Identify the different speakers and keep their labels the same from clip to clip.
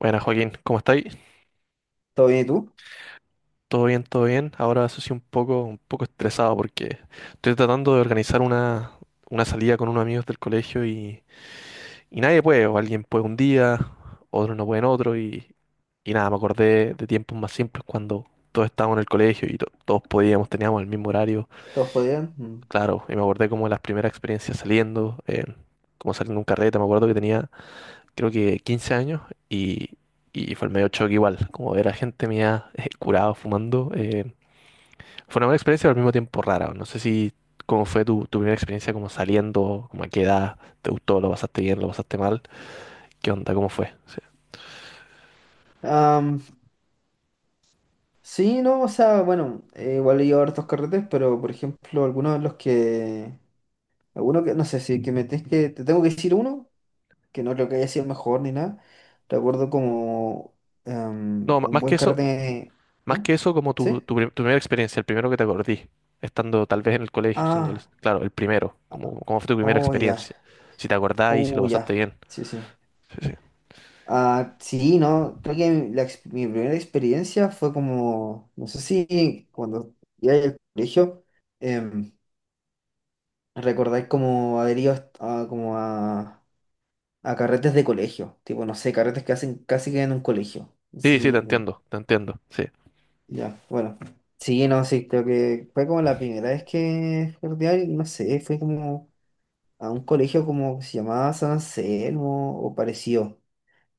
Speaker 1: Buenas, Joaquín, ¿cómo estáis?
Speaker 2: ¿Todo bien y tú?
Speaker 1: ¿Todo bien, todo bien? Ahora eso sí un poco estresado porque estoy tratando de organizar una salida con unos amigos del colegio y nadie puede, o alguien puede un día, otros no pueden otro y nada, me acordé de tiempos más simples cuando todos estábamos en el colegio y todos podíamos, teníamos el mismo horario.
Speaker 2: ¿Todos podían? Mm.
Speaker 1: Claro, y me acordé como de las primeras experiencias saliendo, como saliendo de un carrete. Me acuerdo que tenía creo que 15 años y, y fue el medio choque igual, como ver a gente mía curado fumando. Fue una buena experiencia, pero al mismo tiempo rara. No sé si cómo fue tu primera experiencia como saliendo, como a qué edad, te gustó, lo pasaste bien, lo pasaste mal, qué onda, cómo fue. Sí.
Speaker 2: Am, sí, no, o sea, bueno, igual he ido a hartos carretes, pero por ejemplo, algunos de los que. Alguno que, no sé si que me tienes que. Te tengo que decir uno, que no creo que haya sido el mejor ni nada. Recuerdo como
Speaker 1: No,
Speaker 2: un buen carrete.
Speaker 1: más
Speaker 2: ¿Ah?
Speaker 1: que eso como
Speaker 2: ¿Sí?
Speaker 1: tu primera experiencia, el primero que te acordí, estando tal vez en el colegio, siendo,
Speaker 2: Ah,
Speaker 1: claro, el primero, como,
Speaker 2: ah,
Speaker 1: cómo fue tu primera
Speaker 2: oh,
Speaker 1: experiencia,
Speaker 2: ya.
Speaker 1: si te acordás y si lo
Speaker 2: Oh,
Speaker 1: pasaste
Speaker 2: ya.
Speaker 1: bien.
Speaker 2: Sí, sí.
Speaker 1: Sí, sí.
Speaker 2: Ah, sí, no, creo que mi primera experiencia fue como, no sé si cuando iba al colegio, em, recordáis como adheridos como a carretes de colegio, tipo, no sé, carretes que hacen casi que en un colegio.
Speaker 1: Sí, sí,
Speaker 2: Sí,
Speaker 1: te entiendo, sí.
Speaker 2: ya, bueno. Sí, no, sí, creo que fue como la primera vez que fui a rodear y no sé, fue como a un colegio como que se llamaba San Anselmo o parecido.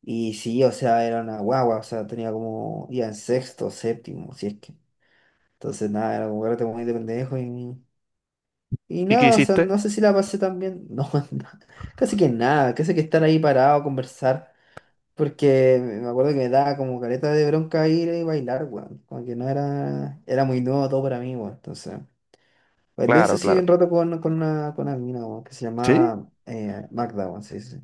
Speaker 2: Y sí, o sea, era una guagua, o sea, tenía como, ya en sexto, séptimo, si es que. Entonces, nada, era como carrete muy de pendejo y
Speaker 1: ¿Y qué
Speaker 2: nada, o sea,
Speaker 1: hiciste?
Speaker 2: no sé si la pasé tan bien. No, no, casi que nada, casi que estar ahí parado, conversar, porque me acuerdo que me daba como careta de bronca ir y bailar, weón. Como que no era, era muy nuevo todo para mí, weón. Entonces, bailé eso
Speaker 1: Claro,
Speaker 2: sí un
Speaker 1: claro.
Speaker 2: rato con una mina, weón, que se
Speaker 1: ¿Sí?
Speaker 2: llamaba Magda, weón, sí, sí,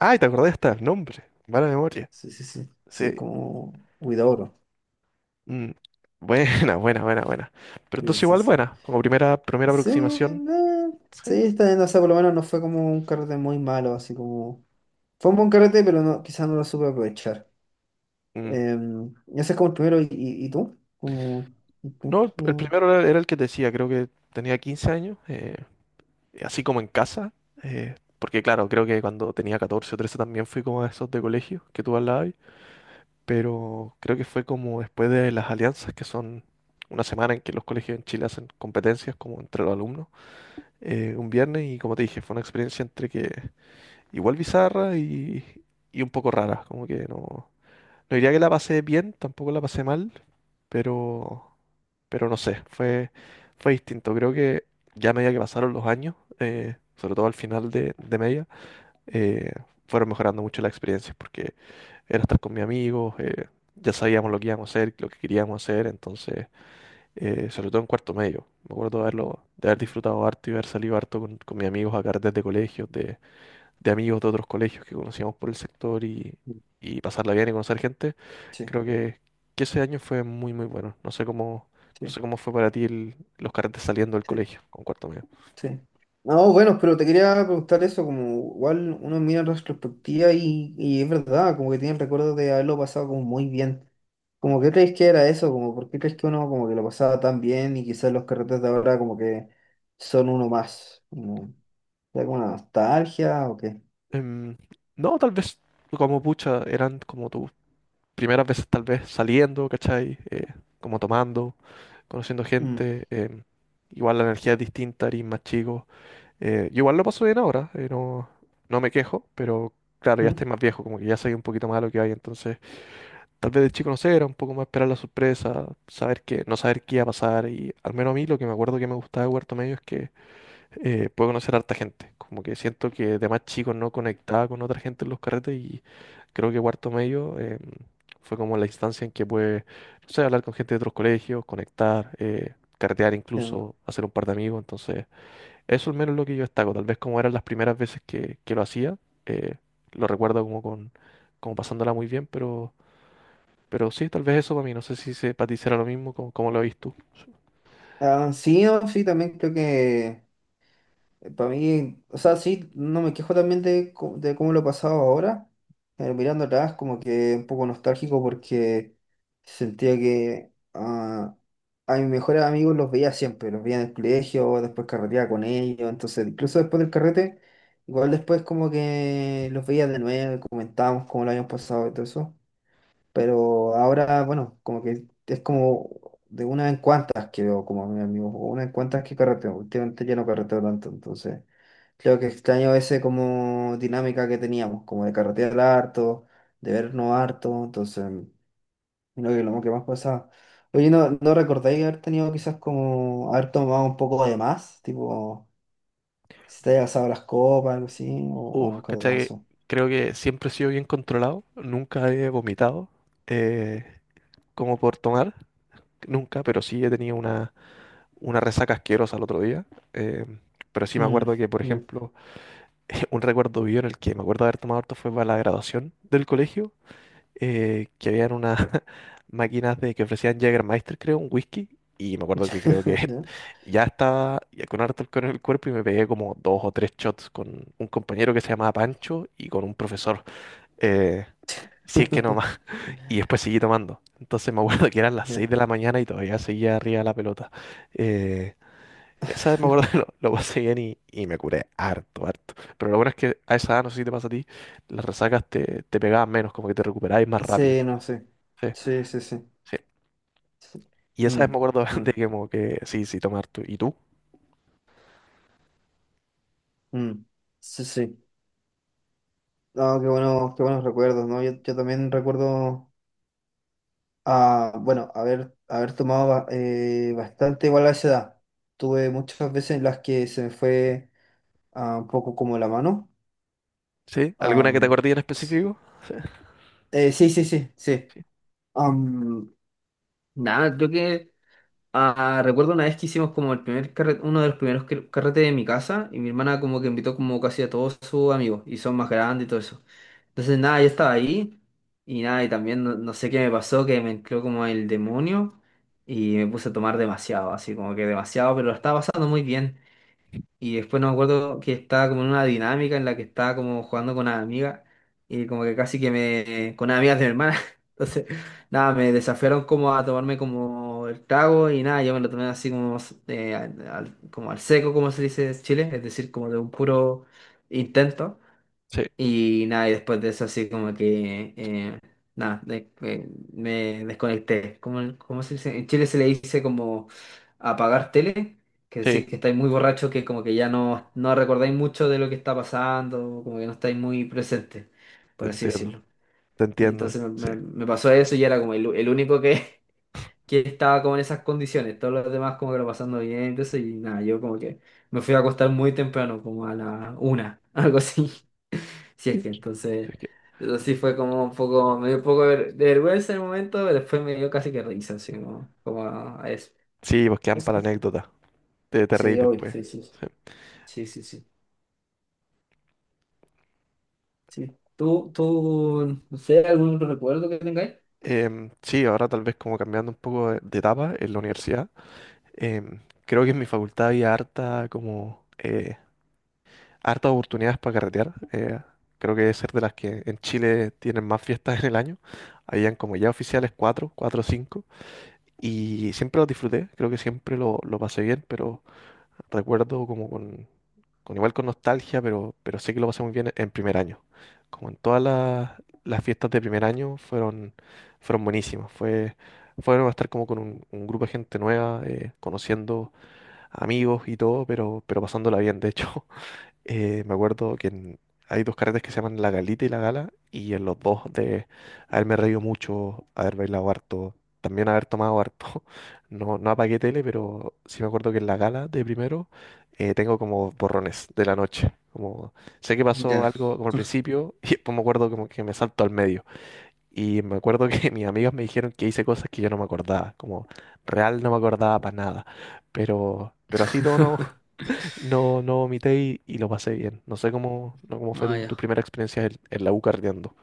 Speaker 1: Ay, te acordé hasta el nombre. Mala memoria.
Speaker 2: sí, sí, sí,
Speaker 1: Sí.
Speaker 2: sí, como Huidobro,
Speaker 1: Mm. Buena, buena, buena, buena. Pero
Speaker 2: sí,
Speaker 1: entonces
Speaker 2: sí,
Speaker 1: igual
Speaker 2: sí.
Speaker 1: buena, como primera, primera
Speaker 2: Sí,
Speaker 1: aproximación. Sí.
Speaker 2: sí, está bien, o sea, por lo menos no fue como un carrete muy malo, así como... Fue un buen carrete, pero no, quizás no lo supe aprovechar.
Speaker 1: Mm.
Speaker 2: Ese es como el primero, ¿y tú? Como...
Speaker 1: No, el primero era, era el que te decía, creo que tenía 15 años. Así como en casa. Porque claro, creo que cuando tenía 14 o 13 también fui como a esos de colegio que tú hablabas, ahí. Pero creo que fue como después de las alianzas, que son una semana en que los colegios en Chile hacen competencias como entre los alumnos, un viernes, y como te dije, fue una experiencia entre que igual bizarra y un poco rara. Como que no, no diría que la pasé bien, tampoco la pasé mal, pero, pero no sé, fue, fue distinto. Creo que ya a medida que pasaron los años, sobre todo al final de media, eh, fueron mejorando mucho las experiencias porque era estar con mis amigos, ya sabíamos lo que íbamos a hacer, lo que queríamos hacer, entonces, sobre todo en cuarto medio. Me acuerdo de haberlo, de haber disfrutado harto y haber salido harto con mis amigos a carretes de colegios, de amigos de otros colegios que conocíamos por el sector y pasarla bien y conocer gente.
Speaker 2: Sí,
Speaker 1: Creo que ese año fue muy, muy bueno. No sé cómo, no
Speaker 2: sí,
Speaker 1: sé cómo fue para ti los carretes saliendo del
Speaker 2: sí.
Speaker 1: colegio con cuarto medio.
Speaker 2: Sí. No, bueno, pero te quería preguntar eso, como igual uno mira en retrospectiva y es verdad, como que tiene el recuerdo de haberlo pasado como muy bien. Como que crees que era eso, como por qué crees que uno como que lo pasaba tan bien y quizás los carretes de ahora como que son uno más. Como, ¿será como una nostalgia o qué?
Speaker 1: Em, no, tal vez como pucha, eran como tus primeras veces tal vez saliendo, ¿cachai? Como tomando, conociendo
Speaker 2: Mm,
Speaker 1: gente. Igual la energía es distinta, eres más chico. Yo igual lo paso bien ahora, no, no me quejo, pero claro, ya
Speaker 2: mm,
Speaker 1: estoy más viejo, como que ya soy un poquito más a lo que hay. Entonces tal vez de chico, no sé, era un poco más esperar la sorpresa, saber que, no saber qué iba a pasar. Y al menos a mí lo que me acuerdo que me gustaba de Huerto Medio es que puedo conocer a harta gente. Como que siento que de más chico no conectaba con otra gente en los carretes y creo que Huerto Medio fue como la instancia en que pude, no sé, hablar con gente de otros colegios, conectar, carretear
Speaker 2: entiendo.
Speaker 1: incluso, hacer un par de amigos. Entonces, eso al menos es lo que yo destaco. Tal vez como eran las primeras veces que lo hacía, eh, lo recuerdo como con, como pasándola muy bien, pero sí, tal vez eso para mí. No sé si se, para ti será lo mismo, como, como lo ves tú.
Speaker 2: Ah, sí, no, sí, también creo que. Para mí, o sea, sí, no me quejo también de cómo lo he pasado ahora, pero mirando atrás como que un poco nostálgico porque sentía que a mis mejores amigos los veía siempre, los veía en el colegio, después carreteaba con ellos, entonces incluso después del carrete, igual después como que los veía de nuevo, comentábamos cómo lo habíamos pasado y todo eso. Pero ahora, bueno, como que es como de una en cuantas que veo como a mi amigo, o una en cuantas que carreteo. Últimamente ya no carreteo tanto, entonces creo que extraño ese como dinámica que teníamos, como de carretear harto, de vernos harto, entonces creo que lo que más pasaba. Oye, ¿no recordáis haber tenido quizás como haber tomado un poco de más? Tipo, si te haya pasado las copas, algo así, o nunca te
Speaker 1: ¿Cachai?
Speaker 2: pasó.
Speaker 1: Creo que siempre he sido bien controlado. Nunca he vomitado, eh, como por tomar. Nunca, pero sí he tenido una resaca asquerosa el otro día. Eh, pero sí me
Speaker 2: Mm,
Speaker 1: acuerdo que, por
Speaker 2: ya.
Speaker 1: ejemplo, un recuerdo vivo en el que me acuerdo de haber tomado harto fue para la graduación del colegio. Que habían unas máquinas de que ofrecían Jägermeister, creo, un whisky. Y me acuerdo que creo que
Speaker 2: Ya,
Speaker 1: ya estaba ya con harto alcohol en el cuerpo y me pegué como dos o tres shots con un compañero que se llamaba Pancho y con un profesor. eh, si es que no más. Y después seguí tomando. Entonces me acuerdo que eran las seis
Speaker 2: ya.
Speaker 1: de la mañana y todavía seguía arriba de la pelota. Eh, Esa vez me acuerdo que lo pasé bien y me curé harto, harto. Pero lo bueno es que a esa edad, no sé si te pasa a ti, las resacas te pegaban menos, como que te recuperabas más rápido.
Speaker 2: Sí, no sé.
Speaker 1: Sí.
Speaker 2: Sí, sí, sí.
Speaker 1: Sí.
Speaker 2: Sí.
Speaker 1: Y esa vez me
Speaker 2: Mm,
Speaker 1: acuerdo de
Speaker 2: mm,
Speaker 1: que como que sí, sí, tomar tú. ¿Y tú?
Speaker 2: mm. Sí, sí. No, qué bueno, qué buenos recuerdos, ¿no? Yo también recuerdo, ah, bueno, haber tomado bastante igual a esa edad. Tuve muchas veces en las que se me fue un poco como la mano.
Speaker 1: ¿Sí? ¿Alguna que te
Speaker 2: Am,
Speaker 1: acordé en
Speaker 2: s-
Speaker 1: específico? Sí,
Speaker 2: sí, sí, sí, sí.
Speaker 1: sí,
Speaker 2: Am, Nada, creo que. Ah, recuerdo una vez que hicimos como el primer uno de los primeros carretes de mi casa y mi hermana como que invitó como casi a todos sus amigos y son más grandes y todo eso. Entonces nada, yo estaba ahí y nada, y también no, no sé qué me pasó, que me entró como el demonio y me puse a tomar demasiado, así como que demasiado, pero lo estaba pasando muy bien. Y después no me acuerdo que estaba como en una dinámica en la que estaba como jugando con una amiga y como que casi que me... con unas amigas de mi hermana. Entonces, nada, me desafiaron como a tomarme como el trago y nada, yo me lo tomé así como, como al seco, como se dice en Chile, es decir, como de un puro intento.
Speaker 1: sí,
Speaker 2: Y nada, y después de eso así como nada, me desconecté. ¿Cómo, cómo se dice? En Chile se le dice como apagar tele, que
Speaker 1: sí,
Speaker 2: decir que estáis muy borrachos, que como que ya no, no recordáis mucho de lo que está pasando, como que no estáis muy presentes,
Speaker 1: te
Speaker 2: por así
Speaker 1: entiendo,
Speaker 2: decirlo.
Speaker 1: te
Speaker 2: Y
Speaker 1: entiendo,
Speaker 2: entonces
Speaker 1: sí.
Speaker 2: me pasó eso y era como el único que estaba como en esas condiciones, todos los demás como que lo pasando bien, entonces, y nada, yo como que me fui a acostar muy temprano, como a la una, algo así. Si es que
Speaker 1: Sí,
Speaker 2: entonces,
Speaker 1: es que,
Speaker 2: eso sí fue como un poco, me dio un poco de de vergüenza en el momento, pero después me dio casi que risa, así como, como a eso.
Speaker 1: sí, pues quedan para la anécdota, te reí
Speaker 2: Sí, hoy,
Speaker 1: después.
Speaker 2: sí, sí,
Speaker 1: Sí.
Speaker 2: sí, sí, sí. Sí. ¿Tú, tú, no sé, algún otro recuerdo que tengáis?
Speaker 1: Sí, ahora tal vez como cambiando un poco de etapa en la universidad. em, Creo que en mi facultad había harta como, hartas oportunidades para carretear. Creo que es ser de las que en Chile tienen más fiestas en el año. Habían como ya oficiales cuatro, cuatro o cinco. Y siempre lo disfruté, creo que siempre lo pasé bien, pero recuerdo como con igual con nostalgia, pero sé que lo pasé muy bien en primer año. Como en todas las fiestas de primer año fueron buenísimas. Fue bueno estar como con un grupo de gente nueva, conociendo amigos y todo, pero pasándola bien, de hecho. Me acuerdo que hay dos carretes que se llaman La Galita y La Gala, y en los dos de haberme reído mucho, haber bailado harto, también haber tomado harto. No, no apagué tele, pero sí me acuerdo que en La Gala de primero tengo como borrones de la noche. Como sé que pasó
Speaker 2: Ya.
Speaker 1: algo como al principio y después me acuerdo como que me salto al medio. Y me acuerdo que mis amigos me dijeron que hice cosas que yo no me acordaba, como real no me acordaba para nada. Pero así todo no, no vomité y lo pasé bien. No sé cómo, no, cómo fue
Speaker 2: Ah,
Speaker 1: tu
Speaker 2: ya.
Speaker 1: primera experiencia en la U carreteando.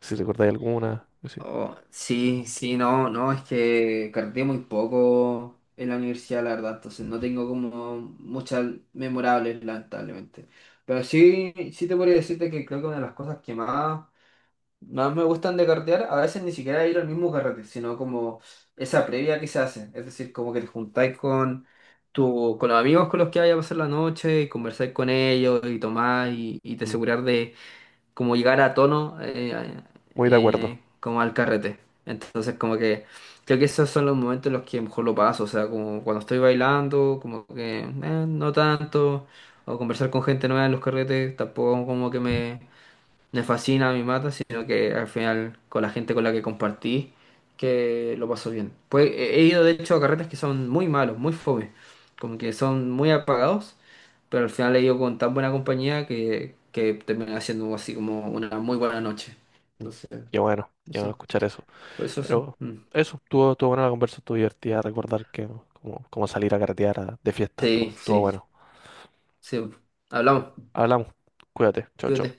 Speaker 1: Si recordáis alguna, pues sí.
Speaker 2: Oh, sí, sí, no, no, es que carteé muy poco en la universidad, la verdad, entonces no tengo como muchas memorables, lamentablemente. Pero sí, sí te podría decirte que creo que una de las cosas que más, más me gustan de cartear, a veces ni siquiera ir al mismo carrete, sino como esa previa que se hace, es decir, como que te juntáis con los amigos con los que vayas a pasar la noche, y conversáis con ellos y tomás y te
Speaker 1: Mm.
Speaker 2: asegurar de como llegar a tono
Speaker 1: Muy de acuerdo.
Speaker 2: como al carrete. Entonces como que creo que esos son los momentos en los que mejor lo paso, o sea, como cuando estoy bailando, como que no tanto, o conversar con gente nueva en los carretes, tampoco como que me fascina, me mata, sino que al final con la gente con la que compartí, que lo paso bien. Pues he ido de hecho a carretes que son muy malos, muy fome, como que son muy apagados, pero al final he ido con tan buena compañía que termina siendo así como una muy buena noche.
Speaker 1: Mm.
Speaker 2: Entonces,
Speaker 1: Qué bueno
Speaker 2: eso,
Speaker 1: escuchar eso.
Speaker 2: por eso sí.
Speaker 1: Pero
Speaker 2: Mm.
Speaker 1: eso, estuvo, estuvo buena la conversa, estuvo divertida recordar que como, como salir a carretear de fiestas, estuvo,
Speaker 2: Sí,
Speaker 1: estuvo
Speaker 2: sí,
Speaker 1: bueno.
Speaker 2: sí. Hablamos,
Speaker 1: Hablamos, cuídate, chao,
Speaker 2: cuídate.
Speaker 1: chao.